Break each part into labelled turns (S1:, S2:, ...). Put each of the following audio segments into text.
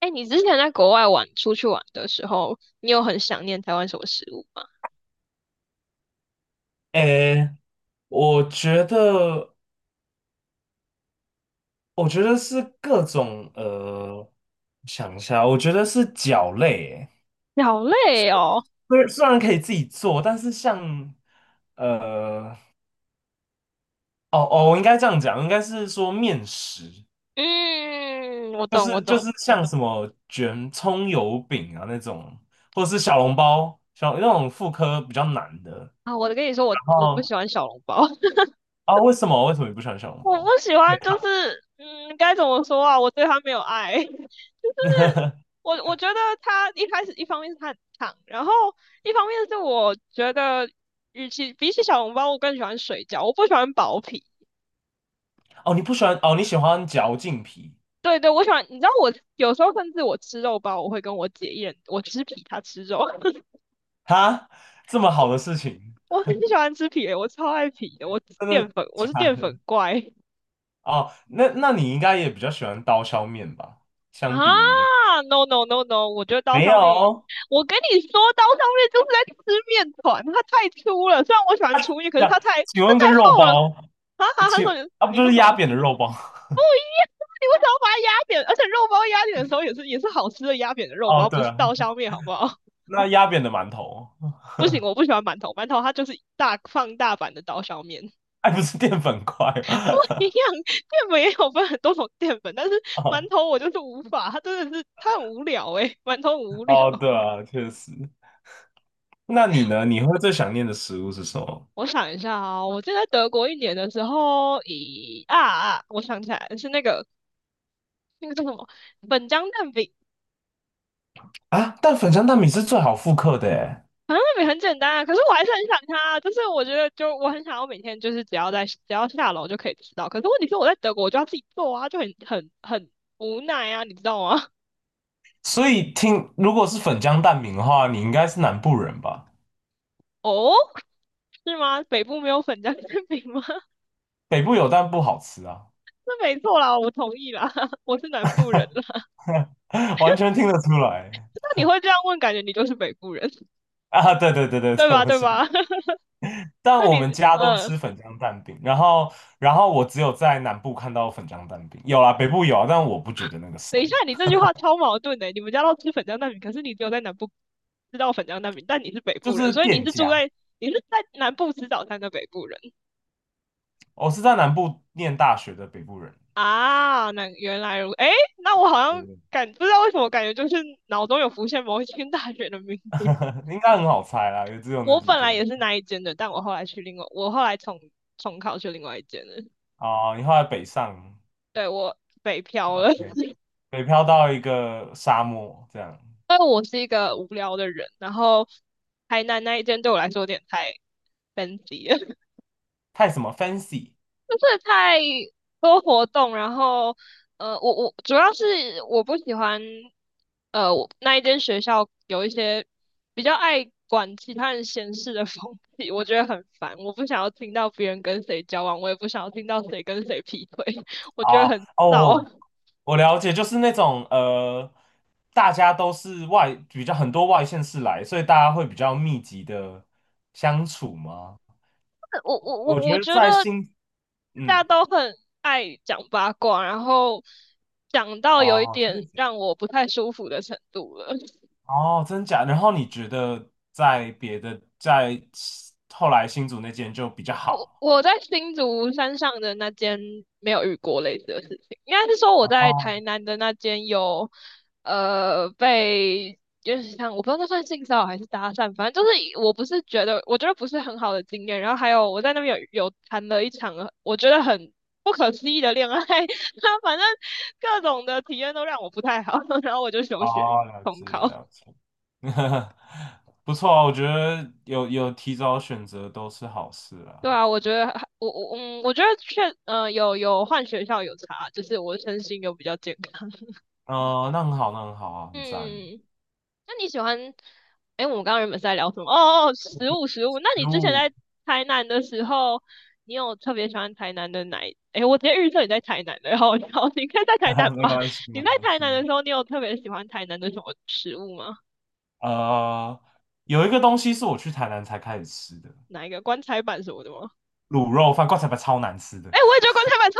S1: 哎，你之前在国外玩，出去玩的时候，你有很想念台湾什么食物吗？
S2: 诶，我觉得，我觉得是各种想一下，我觉得是脚类诶。
S1: 你好累哦。
S2: 虽然可以自己做，但是像呃，哦哦，我应该这样讲，应该是说面食，
S1: 嗯，我
S2: 就
S1: 懂，我
S2: 是就
S1: 懂。
S2: 是像什么卷葱油饼啊那种，或者是小笼包，那种妇科比较难的。
S1: 啊，我跟你说，我
S2: 然
S1: 我不
S2: 后
S1: 喜欢小笼包。
S2: 啊，为什么你不喜欢小笼
S1: 我不
S2: 包？
S1: 喜欢，就是该怎么说啊？我对它没有爱。我觉得他一开始一方面是他很烫，然后一方面是我觉得，与其比起小笼包，我更喜欢水饺，我不喜欢薄皮。
S2: 哦，你不喜欢哦，你喜欢嚼劲皮。
S1: 对对，我喜欢。你知道我有时候甚至我吃肉包，我会跟我姐一人，我吃皮，她吃肉。
S2: 哈，这么好的事情。
S1: 我很喜欢吃皮的，我超爱皮的。
S2: 真的
S1: 我
S2: 假
S1: 是淀
S2: 的？
S1: 粉怪。
S2: 哦，那你应该也比较喜欢刀削面吧？相比于那。
S1: 啊！No no no no,
S2: 没有哦。
S1: 我跟你说，刀削面就是在吃面团，它太粗了。虽然我喜欢粗面，可
S2: 这
S1: 是
S2: 样，
S1: 它太
S2: 请
S1: 它
S2: 问
S1: 太
S2: 跟肉
S1: 厚了。
S2: 包，
S1: 哈哈，他
S2: 请
S1: 说你
S2: 啊不
S1: 你
S2: 就
S1: 说
S2: 是
S1: 什
S2: 压
S1: 么？
S2: 扁的肉包？
S1: 不，你为什么要把它压扁？而且肉包压扁的时候也是好吃的，压扁的 肉
S2: 哦，
S1: 包，
S2: 对
S1: 不是
S2: 啊，
S1: 刀削面，好不好？
S2: 那压扁的馒头。
S1: 不行，我不喜欢馒头，馒头它就是放大版的刀削面。
S2: 哎，不是淀粉块。
S1: 不一 样。淀粉也有分很多种淀粉，但是馒
S2: 哦
S1: 头我就是无法。它真的是它很无聊诶、欸馒头很无聊。
S2: 哦，对 啊，确实。那你呢？你会最想念的食物是什么
S1: 我想一下啊、哦，我记得在德国一年的时候，咦啊啊，我想起来是那个叫什么粉浆蛋饼，
S2: 啊？但粉浆蛋饼是最好复刻的诶，
S1: 好像也很简单啊，可是我还是很想它啊。就是我觉得，就我很想要每天就是只要下楼就可以吃到，可是问题是我在德国我就要自己做啊，就很无奈啊，你知道吗？
S2: 所以如果是粉浆蛋饼的话，你应该是南部人吧？
S1: 哦，是吗？北部没有粉浆馅饼吗？
S2: 北部有但不好吃啊。
S1: 那没错啦，我同意啦。我是南部人了。
S2: 完全听得出来。
S1: 那你会这样问，感觉你就是北部人。
S2: 啊！对对对 对
S1: 对
S2: 对，
S1: 吧？
S2: 我
S1: 对
S2: 是
S1: 吧？
S2: 北 但
S1: 那
S2: 我们
S1: 你
S2: 家都
S1: 呃，
S2: 吃粉浆蛋饼，然后我只有在南部看到粉浆蛋饼。有啊，北部有啊，但我不觉得那个
S1: 等
S2: 酸。
S1: 一下，你这句话超矛盾的欸。你们家都吃粉浆蛋饼，可是你只有在南部知道粉浆蛋饼，但你是北
S2: 就
S1: 部人，
S2: 是
S1: 所以
S2: 店家。
S1: 你是在南部吃早餐的北部人
S2: 我是在南部念大学的北部人。
S1: 啊。那原来如，哎，那 我好
S2: 对
S1: 像
S2: 对对
S1: 不知道为什么感觉就是脑中有浮现某一间大学的名字。
S2: 应该很好猜啦，也只有那
S1: 我
S2: 几
S1: 本来
S2: 间。
S1: 也是那一间的，但我后来重考去另外一间的。
S2: 哦，你后来北上
S1: 对，我北漂了。
S2: ，OK。
S1: 因
S2: 北漂到一个沙漠，这样。
S1: 为我是一个无聊的人。然后台南那一间对我来说有点太 fancy 了。
S2: 太什么 fancy。
S1: 就是太多活动，然后我主要是我不喜欢我那一间学校有一些比较爱管其他人闲事的风气，我觉得很烦。我不想要听到别人跟谁交往，我也不想要听到谁跟谁劈腿。我觉得
S2: 哦
S1: 很
S2: 哦，
S1: 燥。
S2: 我了解，就是那种大家都是外，比较很多外县市来，所以大家会比较密集的相处吗？
S1: 我我我
S2: 我
S1: 我
S2: 觉得
S1: 觉得
S2: 在新，
S1: 大家
S2: 嗯。
S1: 都很爱讲八卦，然后讲到有一
S2: 哦，
S1: 点让我不太舒服的程度了。
S2: 真假？然后你觉得在别的，在后来新竹那间就比较
S1: 我
S2: 好？
S1: 我在新竹山上的那间没有遇过类似的事情。应该是说我在
S2: 哦，
S1: 台南的那间有，被就是像我不知道那算性骚扰还是搭讪，反正就是我觉得不是很好的经验。然后还有我在那边有谈了一场我觉得很不可思议的恋爱。他反正各种的体验都让我不太好。然后我就休学
S2: 哦，了
S1: 重
S2: 解
S1: 考。
S2: 了解。不错啊，我觉得有提早选择都是好事啊。
S1: 对啊，我觉得还我我嗯，我觉得有换学校有差，就是我身心有比较健康。
S2: 嗯、那很好，那很好啊，很赞。
S1: 嗯，那你喜欢？哎，我们刚刚原本是在聊什么？哦哦，食物食物。那你之前
S2: 哦。
S1: 在台南的时候，你有特别喜欢台南的哪一？哎，我直接预测你在台南的，好，好，你应该在台南
S2: 没
S1: 吧？
S2: 关系，没
S1: 你在
S2: 关
S1: 台南
S2: 系。
S1: 的时候，你有特别喜欢台南的什么食物吗？
S2: 呃，有一个东西是我去台南才开始吃的。
S1: 哪一个棺材板什么的吗？
S2: 卤肉饭，棺材板超难吃的，
S1: 哎，我也觉得棺材板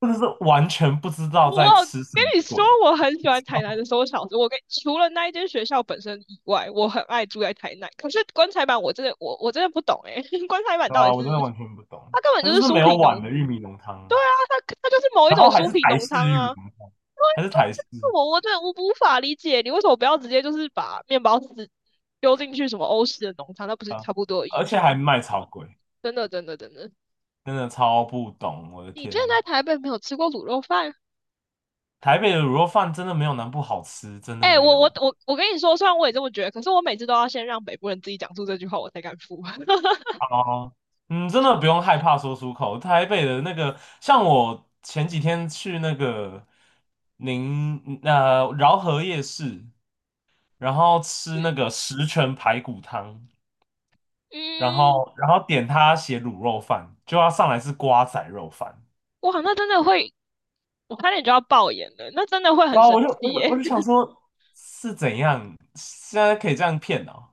S2: 真的是完全不知道在
S1: 我
S2: 吃什
S1: 跟
S2: 么
S1: 你说，
S2: 鬼。
S1: 我很喜欢台南的 收小子。除了那一间学校本身以外，我很爱住在台南。可是棺材板，我真的不懂诶、欸。 棺材板
S2: 对
S1: 到底
S2: 吧？
S1: 是
S2: 我真的完全不懂，
S1: 它根本
S2: 它
S1: 就
S2: 就
S1: 是
S2: 是
S1: 酥
S2: 没有
S1: 皮
S2: 碗
S1: 浓，
S2: 的玉米浓
S1: 对
S2: 汤。
S1: 啊，它就是某一
S2: 然
S1: 种
S2: 后还
S1: 酥
S2: 是
S1: 皮
S2: 台
S1: 浓
S2: 式
S1: 汤
S2: 玉米
S1: 啊。
S2: 浓汤，
S1: 对
S2: 还是台式
S1: 对，我真的无法理解，你为什么不要直接就是把面包纸丢进去什么欧式的浓汤？那不是
S2: 啊。
S1: 差不多的意
S2: 而且
S1: 思
S2: 还
S1: 吗？
S2: 卖超贵，
S1: 真的真的真的，
S2: 真的超不懂，我的
S1: 你之前
S2: 天。
S1: 在台北没有吃过卤肉饭？
S2: 台北的卤肉饭真的没有南部好吃，真的
S1: 哎、欸
S2: 没
S1: 我我
S2: 有。
S1: 我我跟你说，虽然我也这么觉得，可是我每次都要先让北部人自己讲出这句话，我才敢付。
S2: 哦，嗯，真的不用害怕说出口。台北的那个，像我前几天去那个饶河夜市，然后吃那个十全排骨汤，然
S1: 嗯，
S2: 后然后点他写卤肉饭，就要上来是瓜仔肉饭。
S1: 哇，那真的会，我差点就要爆眼了。那真的会很
S2: 然后我
S1: 生
S2: 就我
S1: 气
S2: 就我
S1: 耶。
S2: 就想 说，是怎样现在可以这样骗哦？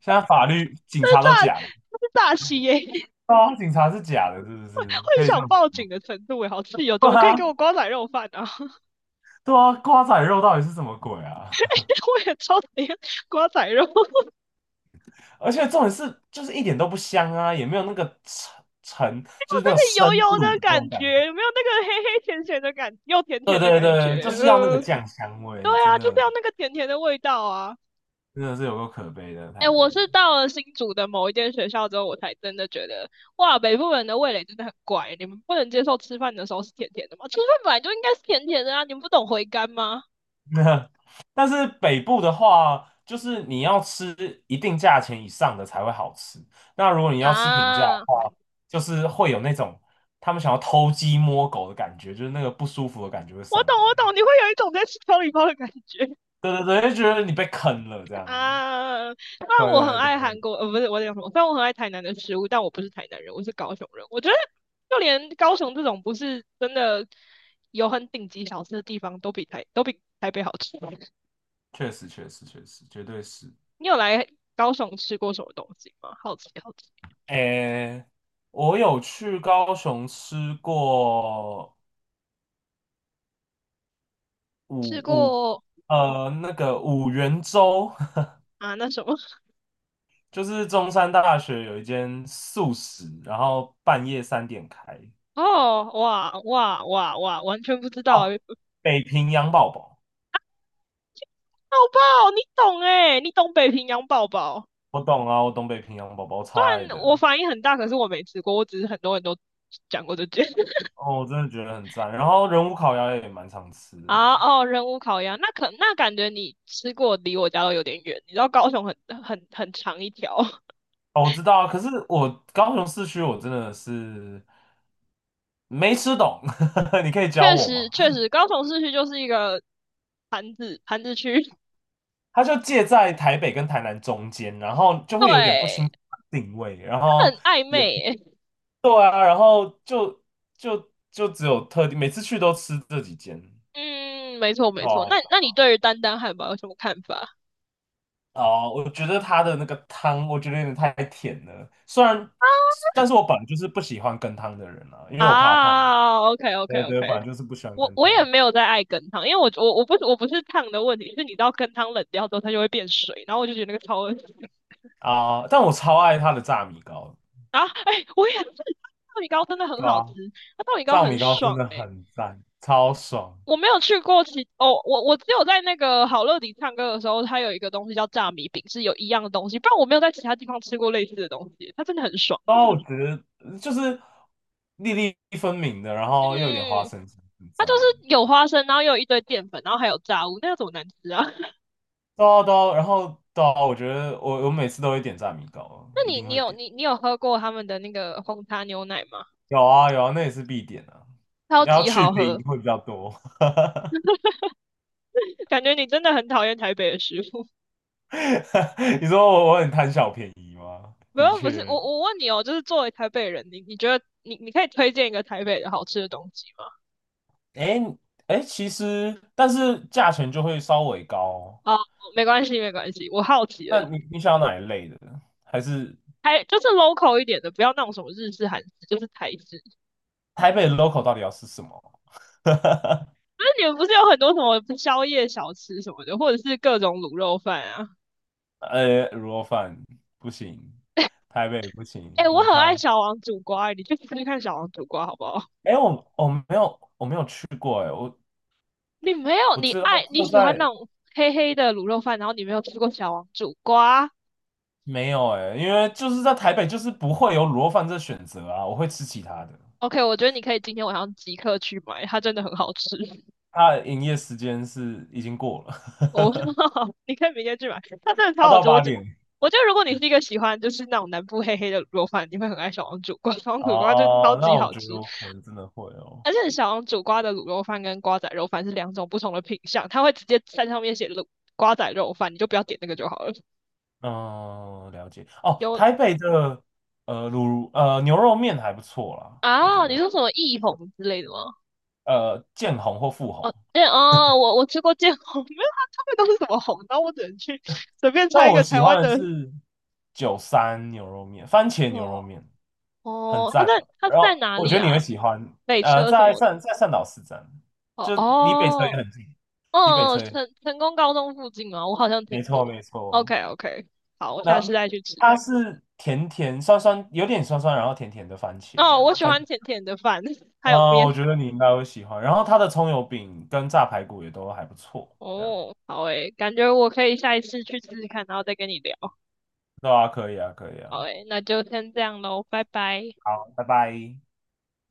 S2: 现在法律警
S1: 那是
S2: 察
S1: 诈，
S2: 都假的。
S1: 那是诈欺耶。
S2: 对啊，警察是假的，是不是？
S1: 会
S2: 可以这
S1: 想
S2: 样子？
S1: 报警的程度耶，好气哦！怎
S2: 对
S1: 么可以给
S2: 啊，
S1: 我瓜仔肉饭啊？
S2: 对啊，瓜仔肉到底是什么鬼啊？
S1: 我也超讨厌瓜仔肉。我
S2: 而且重点是，就是一点都不香啊，也没有那个沉沉，就是那
S1: 那
S2: 种
S1: 个
S2: 生
S1: 油油的
S2: 卤的那
S1: 感
S2: 种感觉。
S1: 觉，有没有那个黑黑甜甜的又甜
S2: 对
S1: 甜的
S2: 对
S1: 感
S2: 对，
S1: 觉？
S2: 就是要那个酱香味，
S1: 对
S2: 真
S1: 啊，就是
S2: 的。
S1: 要那个甜甜的味道啊。
S2: 真的是有够可悲的
S1: 哎，
S2: 台北。
S1: 我是到了新竹的某一间学校之后，我才真的觉得，哇，北部人的味蕾真的很怪。你们不能接受吃饭的时候是甜甜的吗？吃饭本来就应该是甜甜的啊，你们不懂回甘吗？
S2: 那。 但是北部的话，就是你要吃一定价钱以上的才会好吃。那如果你要吃平价的
S1: 啊，
S2: 话，就是会有那种他们想要偷鸡摸狗的感觉，就是那个不舒服的感觉会
S1: 我
S2: 上
S1: 懂，我
S2: 来。
S1: 懂。你会有一种在吃调理包的感觉
S2: 对对对，就觉得你被坑了这样。
S1: 啊。虽然
S2: 对
S1: 我很
S2: 对
S1: 爱
S2: 对，
S1: 韩国，不是，我讲什么，虽然我很爱台南的食物，但我不是台南人，我是高雄人。我觉得就连高雄这种不是真的有很顶级小吃的地方，都都比台北好吃。
S2: 确实确实确实，绝对是。
S1: 你有来高雄吃过什么东西吗？好奇好奇。
S2: 诶，我有去高雄吃过五
S1: 吃
S2: 五，
S1: 过
S2: 呃，那个五元粥。
S1: 啊那什么？
S2: 就是中山大学有一间素食，然后半夜3点开。
S1: 哦，哇哇哇哇，完全不知道欸。
S2: 哦，北平洋宝宝，
S1: 不好，你懂哎、你懂北平洋宝宝。
S2: 我懂啊，我懂北平洋宝宝，我
S1: 虽
S2: 超爱
S1: 然我
S2: 的。
S1: 反应很大，可是我没吃过，我只是很多人都讲过这件。
S2: 哦，我真的觉得很赞。然后人武烤鸭也蛮常吃的。
S1: 啊哦，人无烤鸭，那可那感觉你吃过离我家都有点远。你知道高雄很长一条。
S2: 哦，我知道啊。可是我高雄市区我真的是没吃懂。你可以教
S1: 确
S2: 我
S1: 实
S2: 吗？
S1: 确实，高雄市区就是一个盘子盘子区。
S2: 它就介在台北跟台南中间，然后就会有点不清
S1: 对，
S2: 楚定位，然
S1: 它很
S2: 后
S1: 暧
S2: 也不
S1: 昧、欸。
S2: 对啊。然后就只有特定，每次去都吃这几间。
S1: 嗯，没错没错。那
S2: 哦
S1: 那你对于丹丹汉堡有什么看法？
S2: 哦，我觉得它的那个汤，我觉得有点太甜了，虽然，但是我本来就是不喜欢羹汤的人啊，因为我怕烫。
S1: 啊，OK OK
S2: 对对，
S1: OK,
S2: 本来就是不喜欢
S1: 我
S2: 羹
S1: 我也
S2: 汤
S1: 没有在爱羹汤，因为我不是烫的问题，是你知道羹汤冷掉之后它就会变水，然后我就觉得那个超恶心。
S2: 啊，但我超爱它的炸米糕。
S1: 然后哎、我也是，豆米糕真的很
S2: 对吧、
S1: 好吃，
S2: 啊
S1: 它豆米糕
S2: 炸米
S1: 很
S2: 糕真
S1: 爽
S2: 的
S1: 哎、
S2: 很赞，超爽。
S1: 我没有去过其哦，我只有在那个好乐迪唱歌的时候，它有一个东西叫炸米饼，是有一样的东西，不然我没有在其他地方吃过类似的东西，它真的很爽。
S2: 哦，我觉得就是粒粒分明的，然后又有点花
S1: 嗯，
S2: 生酱很
S1: 它就
S2: 赞。
S1: 是有花生，然后又有一堆淀粉，然后还有炸物，那要怎么难吃啊？
S2: 对啊对啊然后对啊我觉得我每次都会点炸米糕，
S1: 那
S2: 一
S1: 你
S2: 定
S1: 你
S2: 会
S1: 有
S2: 点。
S1: 你你有喝过他们的那个红茶牛奶吗？
S2: 有啊有啊，那也是必点啊。
S1: 超
S2: 你要
S1: 级
S2: 去
S1: 好
S2: 冰
S1: 喝。
S2: 会比较多。
S1: 感觉你真的很讨厌台北的食物。
S2: 你说我很贪小便宜吗？
S1: 不
S2: 的
S1: 要，不是，我
S2: 确。
S1: 我问你哦，就是作为台北人，你觉得你可以推荐一个台北的好吃的东西吗？
S2: 哎哎，诶其实但是价钱就会稍微高哦。
S1: 哦，没关系没关系，我好奇而
S2: 那
S1: 已。
S2: 你想要哪一类的？还是
S1: 还就是 local 一点的，不要那种什么日式、韩式，就是台式。
S2: 台北 local 到底要吃什么？
S1: 那你们不是有很多什么宵夜小吃什么的，或者是各种卤肉饭啊？
S2: 卤肉饭不行，台北不行，
S1: 哎、我
S2: 母
S1: 很爱
S2: 汤。
S1: 小王煮瓜，你去试试看小王煮瓜好不好？
S2: 哎，我没有去过哎。我
S1: 你没有，
S2: 我知道它
S1: 你
S2: 就
S1: 喜欢那
S2: 在
S1: 种黑黑的卤肉饭，然后你没有吃过小王煮瓜。
S2: 没有哎，因为就是在台北就是不会有卤肉饭这选择啊，我会吃其他的。
S1: OK,我觉得你可以今天晚上即刻去买，它真的很好吃。
S2: 它的营业时间是已经过了。
S1: 哦。你可以明天去买，它真的 超
S2: 它
S1: 好
S2: 到
S1: 吃。我
S2: 八
S1: 觉
S2: 点。
S1: 我觉得如果你是一个喜欢就是那种南部黑黑的卤肉饭，你会很爱小王煮瓜。小王煮瓜真的超
S2: 哦，
S1: 级
S2: 那我
S1: 好
S2: 觉得
S1: 吃。
S2: 我可能真的会哦。
S1: 而且小王煮瓜的卤肉饭跟瓜仔肉饭是两种不同的品相，它会直接在上面写卤瓜仔肉饭，你就不要点那个就好了。
S2: 嗯，了解。哦，
S1: 有
S2: 台北的呃卤呃牛肉面还不错啦，我觉
S1: 啊，你
S2: 得
S1: 说什么艺红之类的吗？
S2: 见红或富红。
S1: 哦，我吃过见红。没有，他们都是什么红，然后我只能去随便
S2: 但
S1: 猜一
S2: 我
S1: 个
S2: 喜
S1: 台湾
S2: 欢的
S1: 的。
S2: 是九三牛肉面，番茄牛
S1: 哦
S2: 肉面很
S1: 哦，
S2: 赞的。
S1: 他
S2: 然后
S1: 在哪
S2: 我
S1: 里
S2: 觉得你
S1: 啊？
S2: 会喜欢。
S1: 北车什么的？
S2: 在善导市站，
S1: 哦
S2: 就离北车也
S1: 哦
S2: 很近。离北
S1: 哦，
S2: 车也
S1: 成功高中附近吗？我好像听
S2: 没错
S1: 过。
S2: 没错。
S1: OK OK,好，我下
S2: 那
S1: 次再去吃。
S2: 它是甜甜酸酸，有点酸酸，然后甜甜的番茄这
S1: 哦，我
S2: 样。
S1: 喜欢甜甜的饭，还有
S2: 啊、
S1: 面。
S2: 我觉得你应该会喜欢。然后它的葱油饼跟炸排骨也都还不错，这样。
S1: 哦，好诶，感觉我可以下一次去试试看，然后再跟你聊。
S2: 对啊，可以啊，可以
S1: 好
S2: 啊。
S1: 诶，那就先这样喽，拜拜。
S2: 好，拜拜。